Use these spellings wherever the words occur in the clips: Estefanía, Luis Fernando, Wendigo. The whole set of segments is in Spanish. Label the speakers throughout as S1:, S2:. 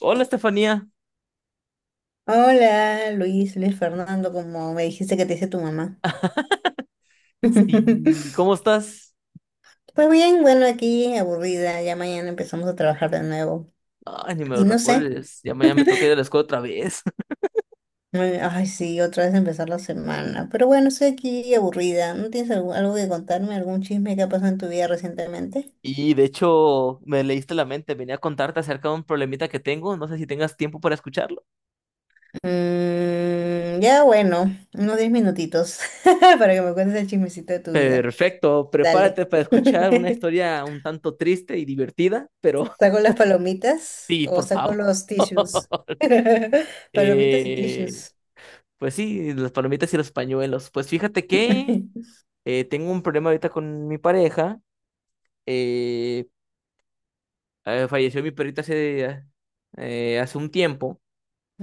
S1: Hola Estefanía,
S2: Hola, Luis, Luis Fernando, como me dijiste que te dice tu mamá.
S1: sí, ¿cómo estás?
S2: Pues bien, bueno, aquí aburrida, ya mañana empezamos a trabajar de nuevo.
S1: Ay, ni me lo
S2: Y no sé,
S1: recuerdes, ya mañana me toca ir a la escuela otra vez.
S2: ay, ay, sí, otra vez empezar la semana. Pero bueno, estoy aquí aburrida. ¿No tienes algo que contarme, algún chisme que ha pasado en tu vida recientemente?
S1: Y de hecho, me leíste la mente, venía a contarte acerca de un problemita que tengo, no sé si tengas tiempo para escucharlo.
S2: Mm, ya bueno, unos 10 minutitos para que me cuentes el chismecito de tu vida.
S1: Perfecto,
S2: Dale.
S1: prepárate para escuchar una historia un tanto triste y divertida, pero
S2: Saco las palomitas
S1: sí,
S2: o
S1: por
S2: saco
S1: favor.
S2: los tissues. Palomitas y
S1: Eh,
S2: tissues.
S1: pues sí, las palomitas y los pañuelos. Pues fíjate que tengo un problema ahorita con mi pareja. eh, Falleció mi perrita hace, hace un tiempo,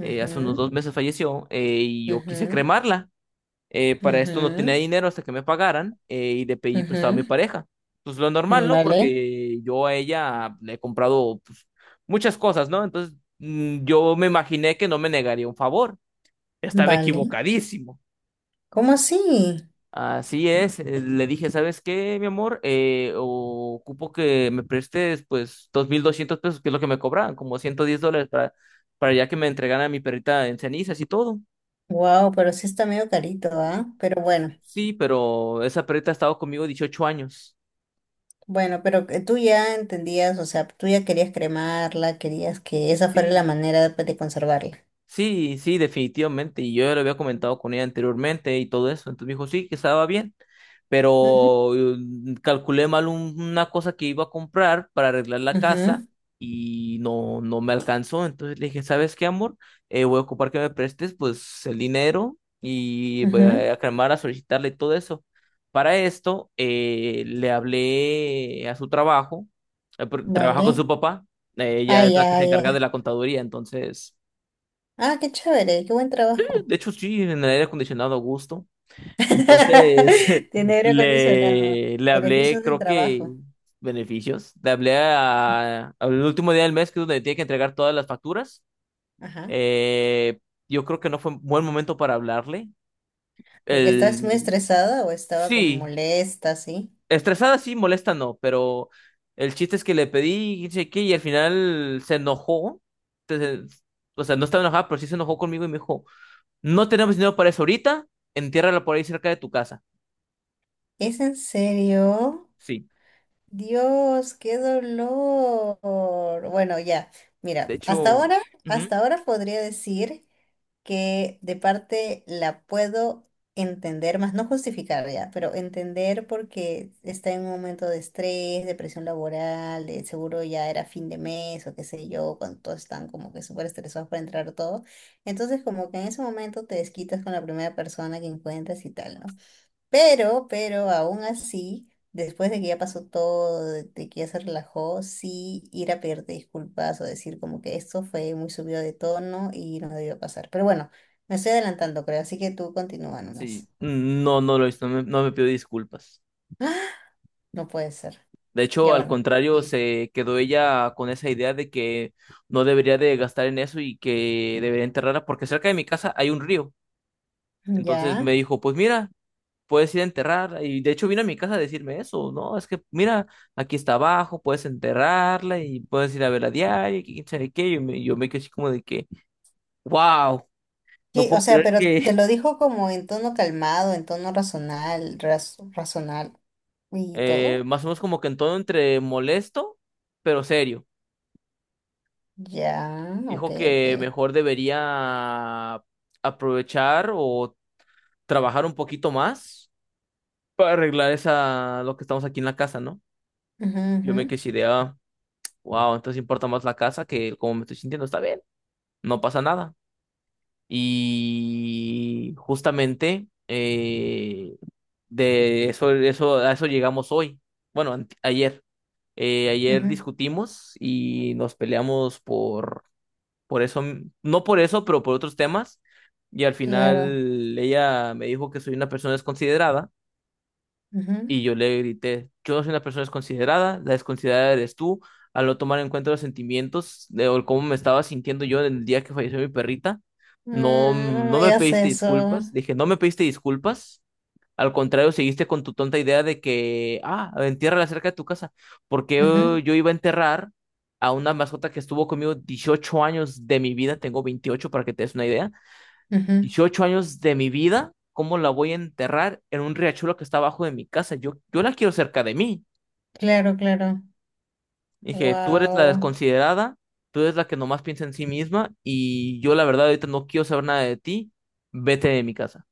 S1: hace unos 2 meses falleció, y yo quise
S2: ujú,
S1: cremarla. Para esto no
S2: ujú,
S1: tenía dinero hasta que me pagaran, y le pedí prestado a mi
S2: ujú.
S1: pareja. Pues lo normal, ¿no?
S2: Vale,
S1: Porque yo a ella le he comprado, pues, muchas cosas, ¿no? Entonces yo me imaginé que no me negaría un favor. Estaba
S2: vale.
S1: equivocadísimo.
S2: ¿Cómo así?
S1: Así es, le dije: ¿sabes qué, mi amor? Ocupo que me prestes pues 2.200 pesos, que es lo que me cobraban, como 110 dólares para ya que me entregaran a mi perrita en cenizas y todo.
S2: Wow, pero sí está medio carito, ¿ah? Pero bueno,
S1: Sí, pero esa perrita ha estado conmigo 18 años.
S2: bueno, pero que tú ya entendías, o sea, tú ya querías cremarla, querías que esa fuera la
S1: Sí,
S2: manera de conservarla.
S1: sí, sí, definitivamente. Y yo ya lo había comentado con ella anteriormente y todo eso. Entonces me dijo, sí, que estaba bien.
S2: Ujú,
S1: Pero calculé mal una cosa que iba a comprar para arreglar la casa
S2: ujú,
S1: y no, no me alcanzó. Entonces le dije: ¿sabes qué, amor? Voy a ocupar que me prestes pues el dinero y voy
S2: ujú.
S1: a llamar a solicitarle todo eso. Para esto, le hablé a su trabajo, porque trabaja con
S2: Vale.
S1: su papá.
S2: Ah,
S1: Ella es la que
S2: ya,
S1: se encarga de
S2: ya.
S1: la contaduría, entonces...
S2: Ah, qué chévere, qué buen trabajo.
S1: De hecho, sí, en el aire acondicionado a gusto. Entonces,
S2: Tiene aire acondicionado.
S1: le hablé,
S2: Beneficios del
S1: creo que
S2: trabajo.
S1: beneficios. Le hablé al último día del mes, que es donde tiene que entregar todas las facturas.
S2: Ajá.
S1: Eh, yo creo que no fue un buen momento para hablarle.
S2: ¿Porque
S1: El,
S2: estás muy estresada o estaba como
S1: sí,
S2: molesta, sí?
S1: estresada sí, molesta no, pero el chiste es que le pedí, y sé qué, y al final se enojó. Entonces, o sea, no estaba enojada, pero sí se enojó conmigo y me dijo, no tenemos dinero para eso ahorita, entiérrala por ahí cerca de tu casa.
S2: ¿Es en serio?
S1: Sí,
S2: Dios, qué dolor. Bueno, ya.
S1: de
S2: Mira,
S1: hecho, ujú,
S2: hasta ahora podría decir que de parte la puedo entender, más no justificar ya, pero entender porque está en un momento de estrés, de presión laboral, de seguro ya era fin de mes o qué sé yo, cuando todos están como que súper estresados para entrar todo. Entonces como que en ese momento te desquitas con la primera persona que encuentras y tal, ¿no? Pero aún así, después de que ya pasó todo, de que ya se relajó, sí ir a pedirte disculpas o decir como que esto fue muy subido de tono y no debió pasar. Pero bueno, me estoy adelantando, creo, así que tú continúa
S1: sí,
S2: nomás.
S1: no, no lo hizo, no me pidió disculpas.
S2: ¡Ah! No puede ser.
S1: De hecho,
S2: Ya
S1: al
S2: bueno.
S1: contrario,
S2: Sí.
S1: se quedó ella con esa idea de que no debería de gastar en eso y que debería enterrarla porque cerca de mi casa hay un río. Entonces me
S2: Ya.
S1: dijo, pues mira, puedes ir a enterrar. Y de hecho vino a mi casa a decirme eso, ¿no? Es que mira, aquí está abajo, puedes enterrarla y puedes ir a verla a diario y quién sabe qué. Yo me quedé así como de que, wow, no
S2: Sí, o
S1: puedo
S2: sea,
S1: creer
S2: pero te
S1: que...
S2: lo dijo como en tono calmado, en tono razonal, razonal y todo.
S1: Más o menos como que en todo entre molesto, pero serio.
S2: Ya, ok,
S1: Dijo
S2: ok.
S1: que mejor debería aprovechar o trabajar un poquito más para arreglar esa, lo que estamos aquí en la casa, ¿no?
S2: Ujú,
S1: Yo
S2: ujú,
S1: me quedé así de, ah, wow, entonces importa más la casa que cómo me estoy sintiendo. Está bien, no pasa nada. Y justamente a eso llegamos hoy. Bueno, ayer. Ayer
S2: ujú.
S1: discutimos y nos peleamos por eso, no por eso, pero por otros temas. Y al
S2: Claro.
S1: final ella me dijo que soy una persona desconsiderada
S2: Ujú.
S1: y yo le grité, yo soy una persona desconsiderada, la desconsiderada eres tú, al no tomar en cuenta los sentimientos de, o el cómo me estaba sintiendo yo el día que falleció mi perrita. No,
S2: Mm, no
S1: no
S2: me
S1: me
S2: digas
S1: pediste
S2: eso.
S1: disculpas, dije, no me pediste disculpas, al contrario, seguiste con tu tonta idea de que, ah, entiérrala cerca de tu casa, porque yo,
S2: Ujú,
S1: iba a enterrar a una mascota que estuvo conmigo 18 años de mi vida, tengo 28 para que te des una idea.
S2: ujú.
S1: 18 años de mi vida, ¿cómo la voy a enterrar en un riachuelo que está abajo de mi casa? Yo, la quiero cerca de mí.
S2: Claro, claro.
S1: Dije, tú eres la
S2: Wow.
S1: desconsiderada, tú eres la que nomás piensa en sí misma y yo la verdad ahorita no quiero saber nada de ti, vete de mi casa.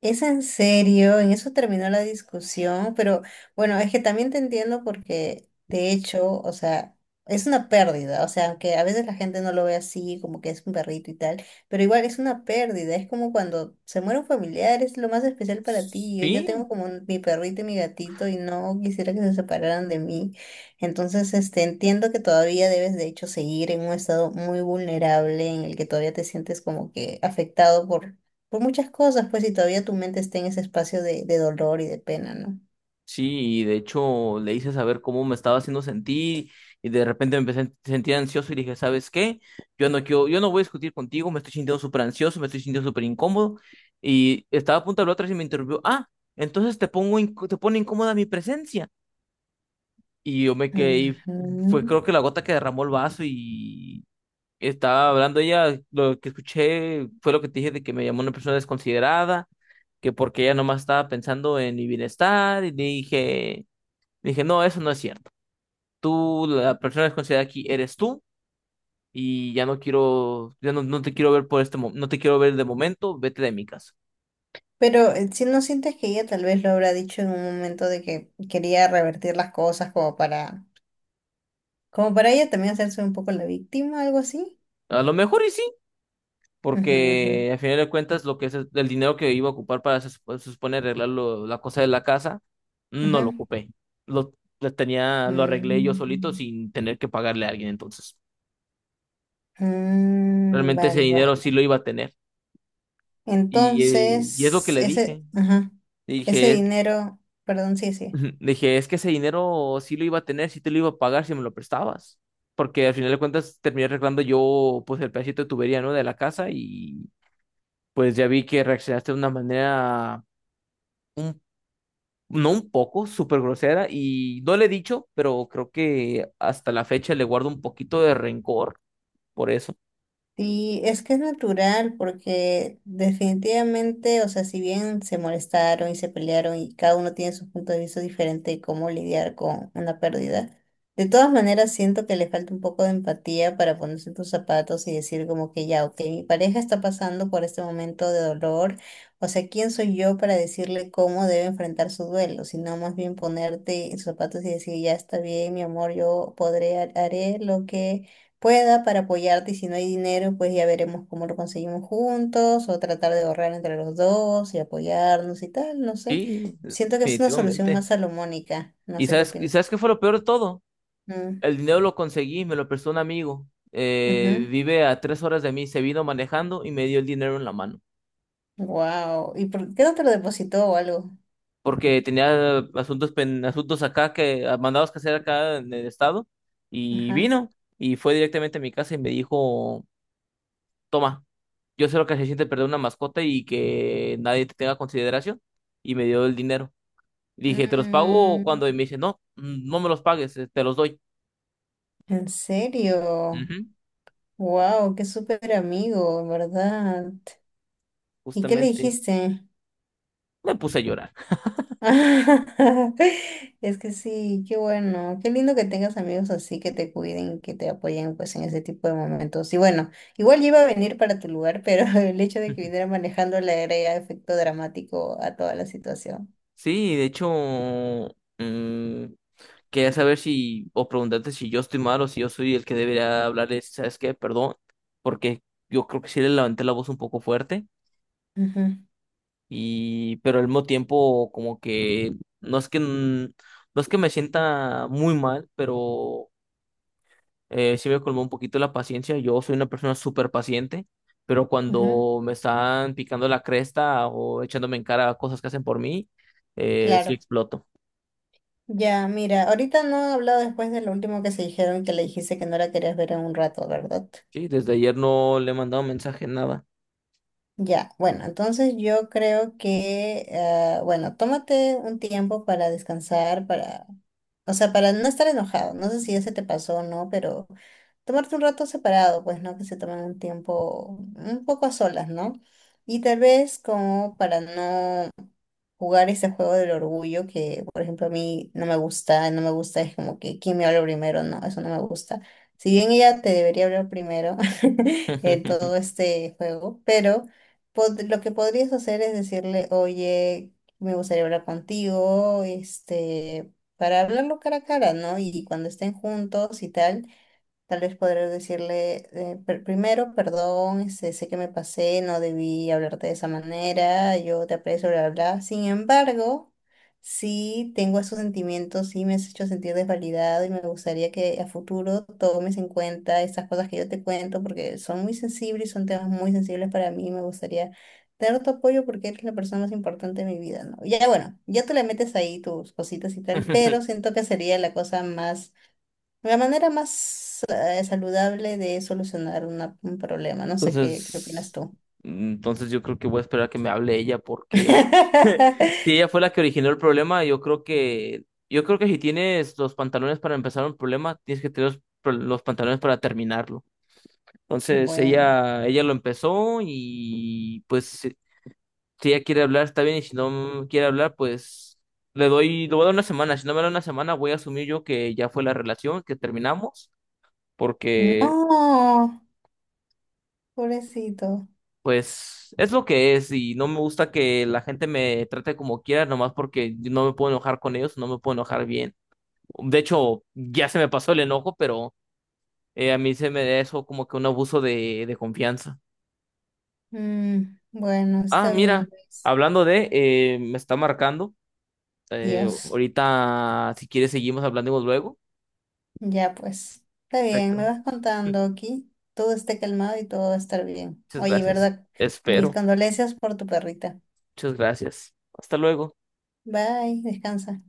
S2: ¿Es en serio, en eso terminó la discusión? Pero bueno, es que también te entiendo porque de hecho, o sea, es una pérdida, o sea, aunque a veces la gente no lo ve así, como que es un perrito y tal, pero igual es una pérdida, es como cuando se muere un familiar, es lo más especial para ti, yo
S1: Sí,
S2: tengo como mi perrito y mi gatito y no quisiera que se separaran de mí, entonces, este, entiendo que todavía debes de hecho seguir en un estado muy vulnerable en el que todavía te sientes como que afectado por muchas cosas, pues si todavía tu mente está en ese espacio de dolor y de pena, ¿no?
S1: sí, y de hecho le hice saber cómo me estaba haciendo sentir y de repente me empecé a sentir ansioso y dije: ¿sabes qué? Yo no quiero, yo no voy a discutir contigo, me estoy sintiendo súper ansioso, me estoy sintiendo súper incómodo, y estaba a punto de hablar otra vez y me interrumpió, ah, entonces te pongo, te pone incómoda mi presencia. Y yo me quedé, y fue
S2: Ujú.
S1: creo que la gota que derramó el vaso, y estaba hablando ella, lo que escuché fue lo que te dije, de que me llamó una persona desconsiderada, que porque ella nomás estaba pensando en mi bienestar, y le dije, no, eso no es cierto. Tú, la persona desconsiderada aquí eres tú, y ya no quiero, ya no, no te quiero ver por este momento, no te quiero ver de momento, vete de mi casa.
S2: Pero si no sientes que ella tal vez lo habrá dicho en un momento de que quería revertir las cosas como para, como para ella también hacerse un poco la víctima, algo así.
S1: A lo mejor y sí,
S2: Ujú, ujú,
S1: porque al final de cuentas lo que es el dinero que iba a ocupar para se supone arreglar la cosa de la casa, no lo
S2: ujú.
S1: ocupé. Lo, lo tenía, lo arreglé yo solito
S2: Mm,
S1: sin tener que pagarle a alguien, entonces.
S2: mm,
S1: Realmente ese
S2: vale, vale.
S1: dinero sí lo iba a tener. Y, eh, y es lo que
S2: Entonces,
S1: le
S2: ese,
S1: dije.
S2: ajá,
S1: Le
S2: ese
S1: dije,
S2: dinero, perdón, sí, sí.
S1: ujú. Dije, es que ese dinero sí lo iba a tener, sí te lo iba a pagar si me lo prestabas. Porque al final de cuentas terminé arreglando yo pues el pedacito de tubería, ¿no? De la casa. Y pues ya vi que reaccionaste de una manera, un, no un poco, súper grosera, y no le he dicho, pero creo que hasta la fecha le guardo un poquito de rencor por eso.
S2: Y es que es natural porque definitivamente, o sea, si bien se molestaron y se pelearon y cada uno tiene su punto de vista diferente de cómo lidiar con una pérdida, de todas maneras siento que le falta un poco de empatía para ponerse en tus zapatos y decir como que ya, ok, mi pareja está pasando por este momento de dolor, o sea, ¿quién soy yo para decirle cómo debe enfrentar su duelo? Sino más bien ponerte en sus zapatos y decir, ya está bien, mi amor, yo podré, haré lo que pueda para apoyarte y si no hay dinero, pues ya veremos cómo lo conseguimos juntos o tratar de ahorrar entre los dos y apoyarnos y tal, no sé.
S1: Sí,
S2: Siento que es una solución más
S1: definitivamente.
S2: salomónica, no
S1: ¿Y
S2: sé qué
S1: sabes,
S2: opinas.
S1: qué fue lo peor de todo?
S2: Mm,
S1: El dinero lo conseguí, me lo prestó un amigo.
S2: ujú.
S1: Vive a 3 horas de mí, se vino manejando y me dio el dinero en la mano.
S2: Wow. ¿Y por qué no te lo depositó o algo?
S1: Porque tenía asuntos, asuntos acá que, ah, mandados que hacer acá en el estado. Y
S2: Ajá.
S1: vino y fue directamente a mi casa y me dijo: toma, yo sé lo que se siente perder una mascota y que nadie te tenga consideración. Y me dio el dinero. Y dije: te los pago
S2: Mm,
S1: cuando. Y me dice: no, no me los pagues, te los doy.
S2: ¿en serio?
S1: Ujú.
S2: Wow, qué súper amigo, en verdad. ¿Y qué le
S1: Justamente
S2: dijiste?
S1: me puse a llorar.
S2: Es que sí, qué bueno, qué lindo que tengas amigos así que te cuiden, que te apoyen pues en ese tipo de momentos. Y bueno, igual yo iba a venir para tu lugar, pero el hecho de que viniera manejando le agrega efecto dramático a toda la situación.
S1: Sí, de hecho, mm, quería saber si, o preguntarte si yo estoy mal o si yo soy el que debería hablarles, ¿sabes qué? Perdón, porque yo creo que sí le levanté la voz un poco fuerte,
S2: Ujú,
S1: pero al mismo tiempo como que no es que, no es que me sienta muy mal, pero sí me colmó un poquito la paciencia. Yo soy una persona súper paciente, pero
S2: ujú.
S1: cuando me están picando la cresta o echándome en cara cosas que hacen por mí, sí
S2: Claro.
S1: exploto.
S2: Ya, mira, ahorita no he hablado después de lo último que se dijeron, que le dijiste que no la querías ver en un rato, ¿verdad?
S1: Sí, desde ayer no le he mandado mensaje, nada.
S2: Ya, bueno, entonces yo creo que, ah, bueno, tómate un tiempo para descansar, para, o sea, para no estar enojado. No sé si ya se te pasó o no, pero tomarte un rato separado, pues, ¿no? Que se tomen un tiempo un poco a solas, ¿no? Y tal vez como para no jugar ese juego del orgullo que, por ejemplo, a mí no me gusta, no me gusta, es como que quién me habla primero, no, eso no me gusta. Si bien ella te debería hablar primero en todo este juego, pero lo que podrías hacer es decirle, oye, me gustaría hablar contigo, este, para hablarlo cara a cara, ¿no? Y cuando estén juntos y tal. Tal vez podré decirle primero, perdón, este, sé que me pasé, no debí hablarte de esa manera, yo te aprecio, bla, bla. Bla". Sin embargo, sí tengo esos sentimientos, sí me has hecho sentir desvalidado y me gustaría que a futuro tomes en cuenta estas cosas que yo te cuento porque son muy sensibles y son temas muy sensibles para mí. Me gustaría tener tu apoyo porque eres la persona más importante de mi vida, ¿no? Ya bueno, ya te le metes ahí tus cositas y tal, pero siento que sería la cosa más la manera más saludable de solucionar un problema. No sé qué, qué opinas
S1: Entonces,
S2: tú.
S1: entonces yo creo que voy a esperar a que me hable ella, porque si ella fue la que originó el problema, yo creo que si tienes los pantalones para empezar un problema, tienes que tener los pantalones para terminarlo. Entonces
S2: Bueno.
S1: ella lo empezó, y pues si ella quiere hablar está bien, y si no quiere hablar, pues le voy a dar una semana. Si no me da una semana, voy a asumir yo que ya fue la relación, que terminamos, porque
S2: No, pobrecito.
S1: pues es lo que es, y no me gusta que la gente me trate como quiera, nomás porque yo no me puedo enojar con ellos, no me puedo enojar bien. De hecho, ya se me pasó el enojo, pero a mí se me da eso como que un abuso de, confianza.
S2: Mm, bueno,
S1: Ah,
S2: está bien,
S1: mira,
S2: Luis.
S1: hablando de, me está marcando.
S2: Dios.
S1: Ahorita, si quieres, seguimos hablando luego.
S2: Ya pues. Está bien, me
S1: Perfecto.
S2: vas contando aquí. Todo esté calmado y todo va a estar bien.
S1: Muchas
S2: Oye,
S1: gracias.
S2: ¿verdad? Mis
S1: Espero.
S2: condolencias por tu perrita.
S1: Muchas gracias. Hasta luego.
S2: Bye, descansa.